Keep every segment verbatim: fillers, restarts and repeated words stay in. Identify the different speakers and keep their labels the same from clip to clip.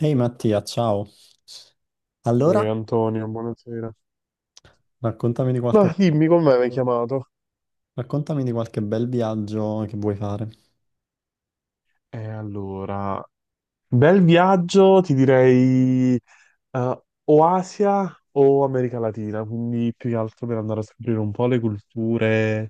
Speaker 1: Ehi Mattia, ciao. Allora,
Speaker 2: Uè, Antonio, buonasera.
Speaker 1: raccontami di qualche,
Speaker 2: Ma dimmi, come mi hai chiamato?
Speaker 1: raccontami di qualche bel viaggio che vuoi fare.
Speaker 2: E allora, bel viaggio, ti direi eh, o Asia o America Latina, quindi più che altro per andare a scoprire un po' le culture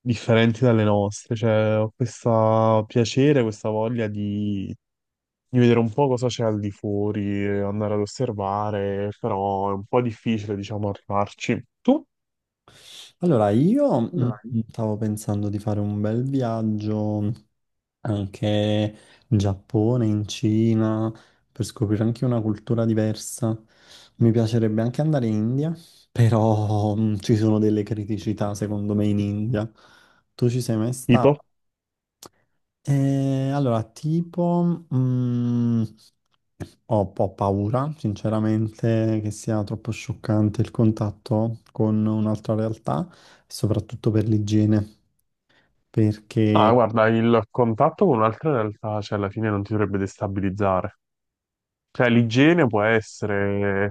Speaker 2: differenti dalle nostre. Cioè, ho questo piacere, questa voglia di, di vedere un po' cosa c'è al di fuori, andare ad osservare, però è un po' difficile, diciamo, arrivarci. Tu?
Speaker 1: Allora, io
Speaker 2: Come
Speaker 1: mm,
Speaker 2: mai?
Speaker 1: mm, stavo pensando di fare un bel viaggio anche in Giappone, in Cina, per scoprire anche una cultura diversa. Mi piacerebbe anche andare in India, però mm, ci sono delle criticità secondo me in India. Tu ci sei mai
Speaker 2: Tipo?
Speaker 1: stato? Eh, allora, tipo, mm, ho un po' paura, sinceramente, che sia troppo scioccante il contatto con un'altra realtà, soprattutto per l'igiene,
Speaker 2: No,
Speaker 1: perché
Speaker 2: guarda, il contatto con un'altra realtà, cioè, alla fine non ti dovrebbe destabilizzare. Cioè, l'igiene può essere,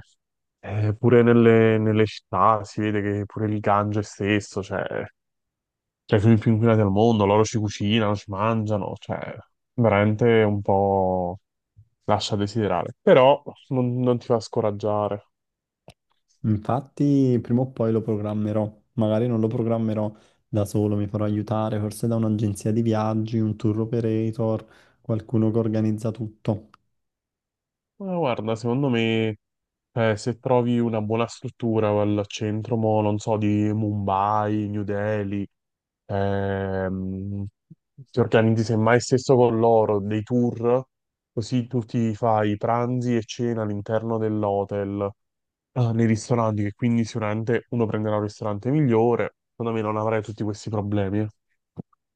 Speaker 2: eh, pure nelle, nelle città, si vede che pure il Gange stesso, cioè, tra i fiumi più inquinati al mondo, loro ci cucinano, ci mangiano, cioè, veramente un po' lascia a desiderare. Però non, non ti fa scoraggiare.
Speaker 1: infatti prima o poi lo programmerò, magari non lo programmerò da solo, mi farò aiutare forse da un'agenzia di viaggi, un tour operator, qualcuno che organizza tutto.
Speaker 2: Ma guarda, secondo me... Eh, se trovi una buona struttura al centro, mo, non so, di Mumbai, New Delhi, Ehm, ti organizzi semmai stesso con loro dei tour, così tu ti fai pranzi e cena all'interno dell'hotel, eh, nei ristoranti, che quindi sicuramente uno prenderà un ristorante migliore. Secondo me non avrai tutti questi problemi.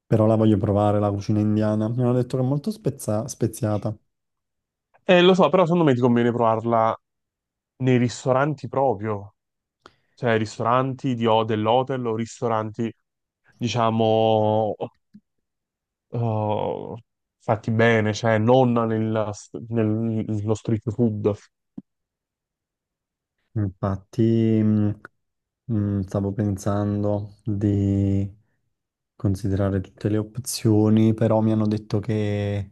Speaker 1: Però la voglio provare, la cucina indiana. Mi hanno detto che è molto spezza- speziata.
Speaker 2: Eh, lo so, però secondo me ti conviene provarla nei ristoranti proprio, cioè ristoranti di ho dell'hotel o ristoranti, diciamo, eh, fatti bene, cioè non nel- nello street food.
Speaker 1: Infatti, mh, mh, stavo pensando di considerare tutte le opzioni, però mi hanno detto che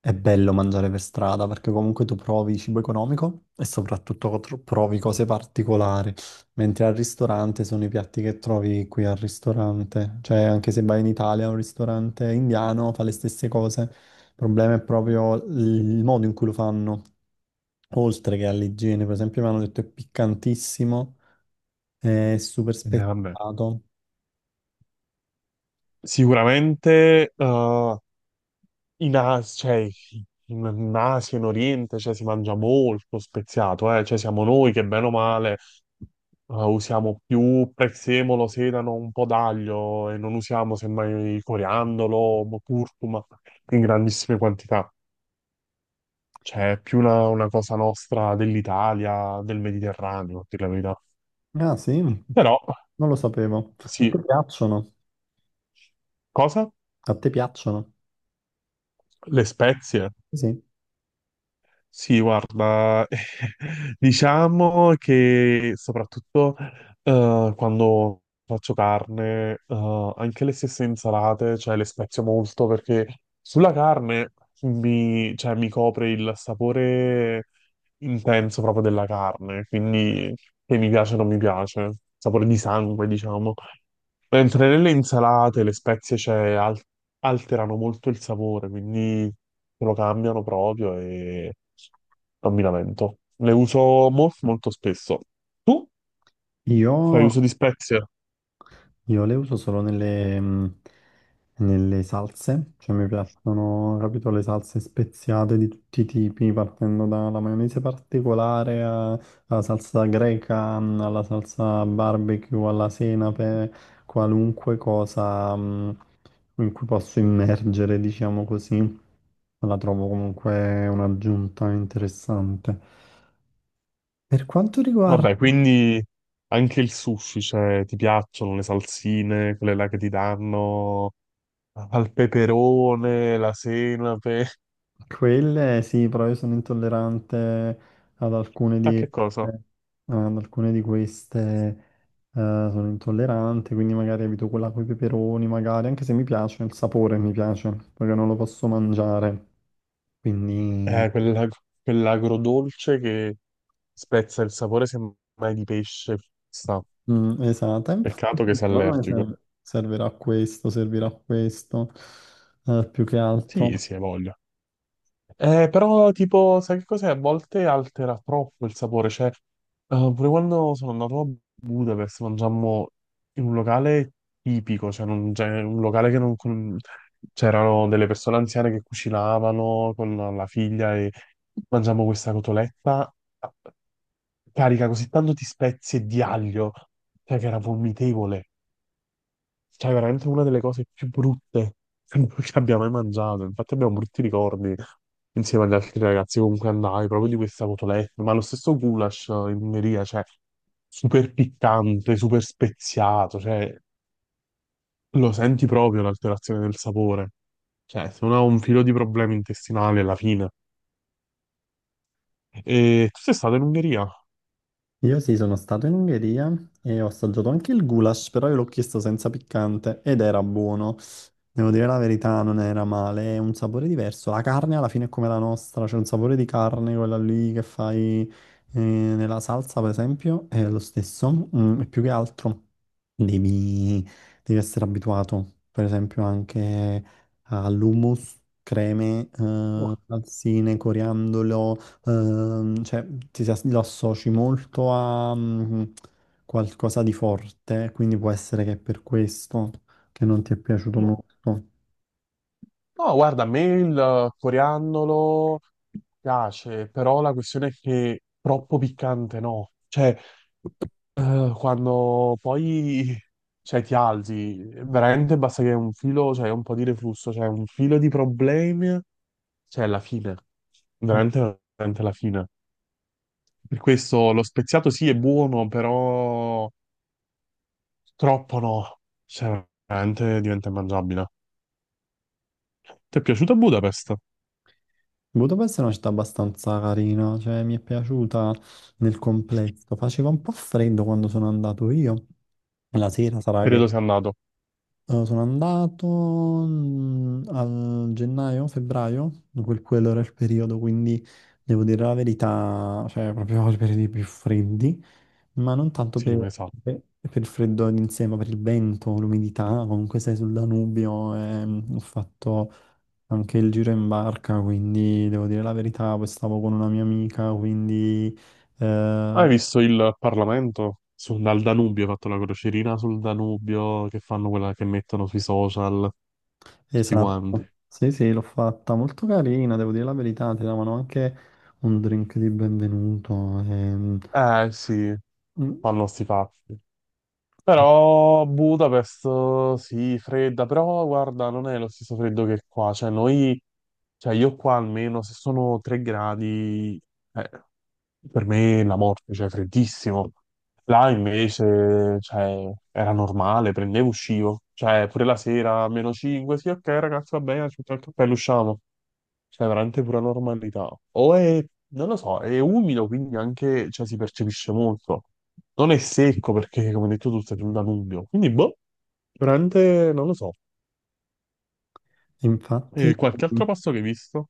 Speaker 1: è bello mangiare per strada perché comunque tu provi cibo economico e soprattutto cotro- provi cose particolari, mentre al ristorante sono i piatti che trovi qui al ristorante. Cioè, anche se vai in Italia a un ristorante indiano fa le stesse cose. Il problema è proprio il modo in cui lo fanno, oltre che all'igiene. Per esempio, mi hanno detto è piccantissimo. È super
Speaker 2: Eh, vabbè.
Speaker 1: spettato.
Speaker 2: Sicuramente eh, in As- cioè, in in Asia, in Oriente, cioè, si mangia molto speziato, eh. Cioè, siamo noi che bene o male eh, usiamo più prezzemolo, sedano, un po' d'aglio e non usiamo semmai coriandolo, mo- curcuma in grandissime quantità. Cioè, è più una, una cosa nostra dell'Italia, del Mediterraneo, a dire la verità.
Speaker 1: Ah, sì,
Speaker 2: Però,
Speaker 1: non lo sapevo. A
Speaker 2: sì,
Speaker 1: te piacciono?
Speaker 2: cosa?
Speaker 1: A te piacciono?
Speaker 2: Le spezie.
Speaker 1: Sì.
Speaker 2: Sì, guarda, diciamo che soprattutto eh, quando faccio carne, eh, anche le stesse insalate, cioè le spezio molto perché sulla carne mi, cioè, mi copre il sapore intenso proprio della carne, quindi che mi piace o non mi piace, sapore di sangue, diciamo. Mentre nelle insalate le spezie cioè, al- alterano molto il sapore, quindi lo cambiano proprio e non mi lamento. Le uso molto, molto spesso. Tu
Speaker 1: Io
Speaker 2: fai uso di spezie?
Speaker 1: Io le uso solo nelle, mh, nelle salse, cioè mi piacciono, capito, le salse speziate di tutti i tipi, partendo dalla maionese particolare a- alla salsa greca, mh, alla salsa barbecue, alla senape, qualunque cosa, mh, in cui posso immergere, diciamo così, la trovo comunque un'aggiunta interessante. Per quanto riguarda.
Speaker 2: Vabbè, quindi anche il sushi, cioè, ti piacciono le salsine, quelle là che ti danno al peperone, la senape.
Speaker 1: Quelle sì, però io sono intollerante ad alcune
Speaker 2: A
Speaker 1: di, eh,
Speaker 2: che cosa?
Speaker 1: ad alcune di queste, eh, sono intollerante, quindi magari evito quella con i peperoni, magari, anche se mi piace, il sapore mi piace, perché non lo posso mangiare. Quindi,
Speaker 2: Eh, quella- quell'agrodolce che spezza il sapore semmai di pesce. Sta.
Speaker 1: mm, esatto, e infatti
Speaker 2: Peccato che sei
Speaker 1: secondo me
Speaker 2: allergico.
Speaker 1: ser- servirà a questo, servirà a questo, eh, più che
Speaker 2: Sì,
Speaker 1: altro.
Speaker 2: sì, hai voglia. Eh, però, tipo, sai che cos'è? A volte altera troppo il sapore. Cioè, eh, pure quando sono andato a Budapest, mangiammo in un locale tipico, cioè non- cioè, un locale che non... con- C'erano delle persone anziane che cucinavano con la figlia e mangiammo questa cotoletta carica così tanto di spezie e di aglio, cioè che era vomitevole. Cioè, veramente una delle cose più brutte che abbiamo mai mangiato. Infatti abbiamo brutti ricordi insieme agli altri ragazzi comunque andai, proprio di questa cotoletta, ma lo stesso goulash eh, in Ungheria, cioè, super piccante, super speziato, cioè, lo senti proprio l'alterazione del sapore. Cioè, se uno ha un filo di problemi intestinali alla fine. E tu sei stato in Ungheria?
Speaker 1: Io sì, sono stato in Ungheria e ho assaggiato anche il goulash, però io l'ho chiesto senza piccante ed era buono. Devo dire la verità, non era male, è un sapore diverso. La carne alla fine è come la nostra, c'è un sapore di carne, quella lì che fai eh, nella salsa, per esempio, è lo stesso. Mm, e più che altro devi, devi essere abituato, per esempio, anche all'hummus, creme, eh,
Speaker 2: No,
Speaker 1: salsine, coriandolo, ehm, cioè ti, si as- lo associ molto a mm, qualcosa di forte, quindi può essere che è per questo che non ti è piaciuto
Speaker 2: no.
Speaker 1: molto.
Speaker 2: No, guarda, a me il coriandolo piace, però la questione è che troppo piccante no. Cioè, eh, quando poi cioè, ti alzi, veramente basta che un filo, cioè un po' di reflusso, cioè un filo di problemi, cioè la fine, veramente, veramente la fine. Per questo lo speziato sì è buono, però troppo no, cioè veramente diventa immangiabile. Ti è piaciuta Budapest?
Speaker 1: Budapest è una città abbastanza carina, cioè mi è piaciuta nel complesso. Faceva un po' freddo quando sono andato io. La sera sarà che
Speaker 2: Periodo sei andato?
Speaker 1: eh, sono andato mm, a gennaio, febbraio, quel- quello era il periodo, quindi devo dire la verità, cioè proprio i periodi più freddi, ma non tanto
Speaker 2: Sì,
Speaker 1: per,
Speaker 2: esatto.
Speaker 1: per- per il freddo in sé, ma per il vento, l'umidità, comunque sei sul Danubio, ehm, ho fatto anche il giro in barca, quindi devo dire la verità, poi stavo con una mia amica, quindi eh,
Speaker 2: Hai visto il Parlamento? Sul, dal Danubio, ha fatto la crocerina sul Danubio che fanno quella che mettono sui social, tutti quanti.
Speaker 1: esatto. Sì, sì, l'ho fatta molto carina, devo dire la verità, ti davano anche un drink di benvenuto. ehm,
Speaker 2: Eh sì,
Speaker 1: mm,
Speaker 2: fanno sti fatti.
Speaker 1: eh,
Speaker 2: Però Budapest sì, fredda, però guarda, non è lo stesso freddo che qua. Cioè, noi, cioè io qua almeno se sono tre gradi, eh, per me la morte, cioè freddissimo. Là invece, cioè, era normale, prendevo, uscivo. Cioè, pure la sera, meno cinque, sì, ok ragazzi, va bene, ci mettiamo il cappello, usciamo. Cioè, veramente pura normalità. O è, non lo so, è umido, quindi anche, cioè, si percepisce molto. Non è secco, perché, come hai detto tu, sei sul Danubio. Quindi, boh, veramente, non lo so. E
Speaker 1: Infatti,
Speaker 2: qualche altro passo che hai visto?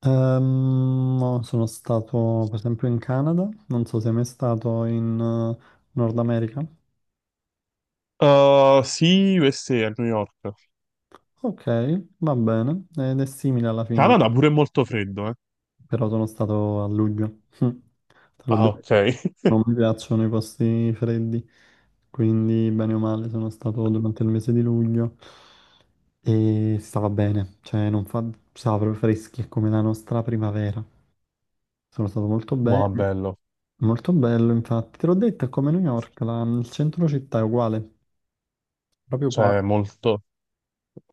Speaker 1: ehm, no, sono stato per esempio in Canada, non so se è mai stato in eh, Nord America.
Speaker 2: Uh, sì, USA a a New York.
Speaker 1: Ok, va bene, ed è simile alla fine.
Speaker 2: Canada pure è molto freddo, eh.
Speaker 1: Però sono stato a luglio, te l'ho
Speaker 2: Ah, ok.
Speaker 1: detto. Non mi piacciono i posti freddi, quindi bene o male sono stato durante il mese di luglio e stava bene, cioè non fa... stava proprio freschi, è come la nostra primavera. Sono stato molto
Speaker 2: Wow,
Speaker 1: bene,
Speaker 2: bello.
Speaker 1: molto bello infatti. Te l'ho detto, è come New York, la- il centro città è uguale, proprio qua.
Speaker 2: Cioè, molto.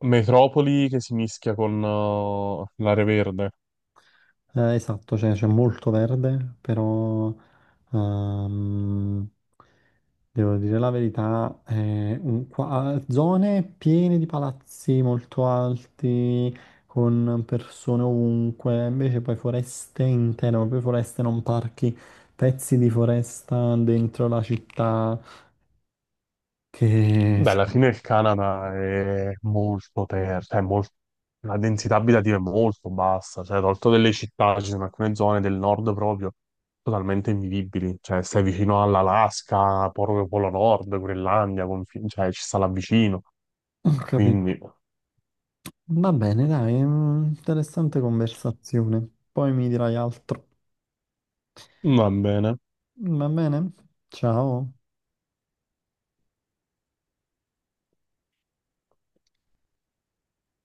Speaker 2: Metropoli che si mischia con uh, l'area verde.
Speaker 1: Eh, esatto, cioè c'è molto verde, però ehm, devo dire la verità, è un- qua- zone piene di palazzi molto alti, con persone ovunque, invece poi foreste intere, proprio foreste, non parchi, pezzi di foresta dentro la città che...
Speaker 2: Beh,
Speaker 1: si-
Speaker 2: alla fine il Canada è molto terra, cioè molto... la densità abitativa è molto bassa, cioè tolto delle città, ci sono alcune zone del nord proprio totalmente invivibili, cioè stai vicino all'Alaska, proprio Polo Nord, Groenlandia, confin- cioè ci sta là vicino,
Speaker 1: Ho capito.
Speaker 2: quindi
Speaker 1: Va bene, dai, mm, interessante conversazione. Poi mi dirai altro.
Speaker 2: va bene.
Speaker 1: Va bene? Ciao.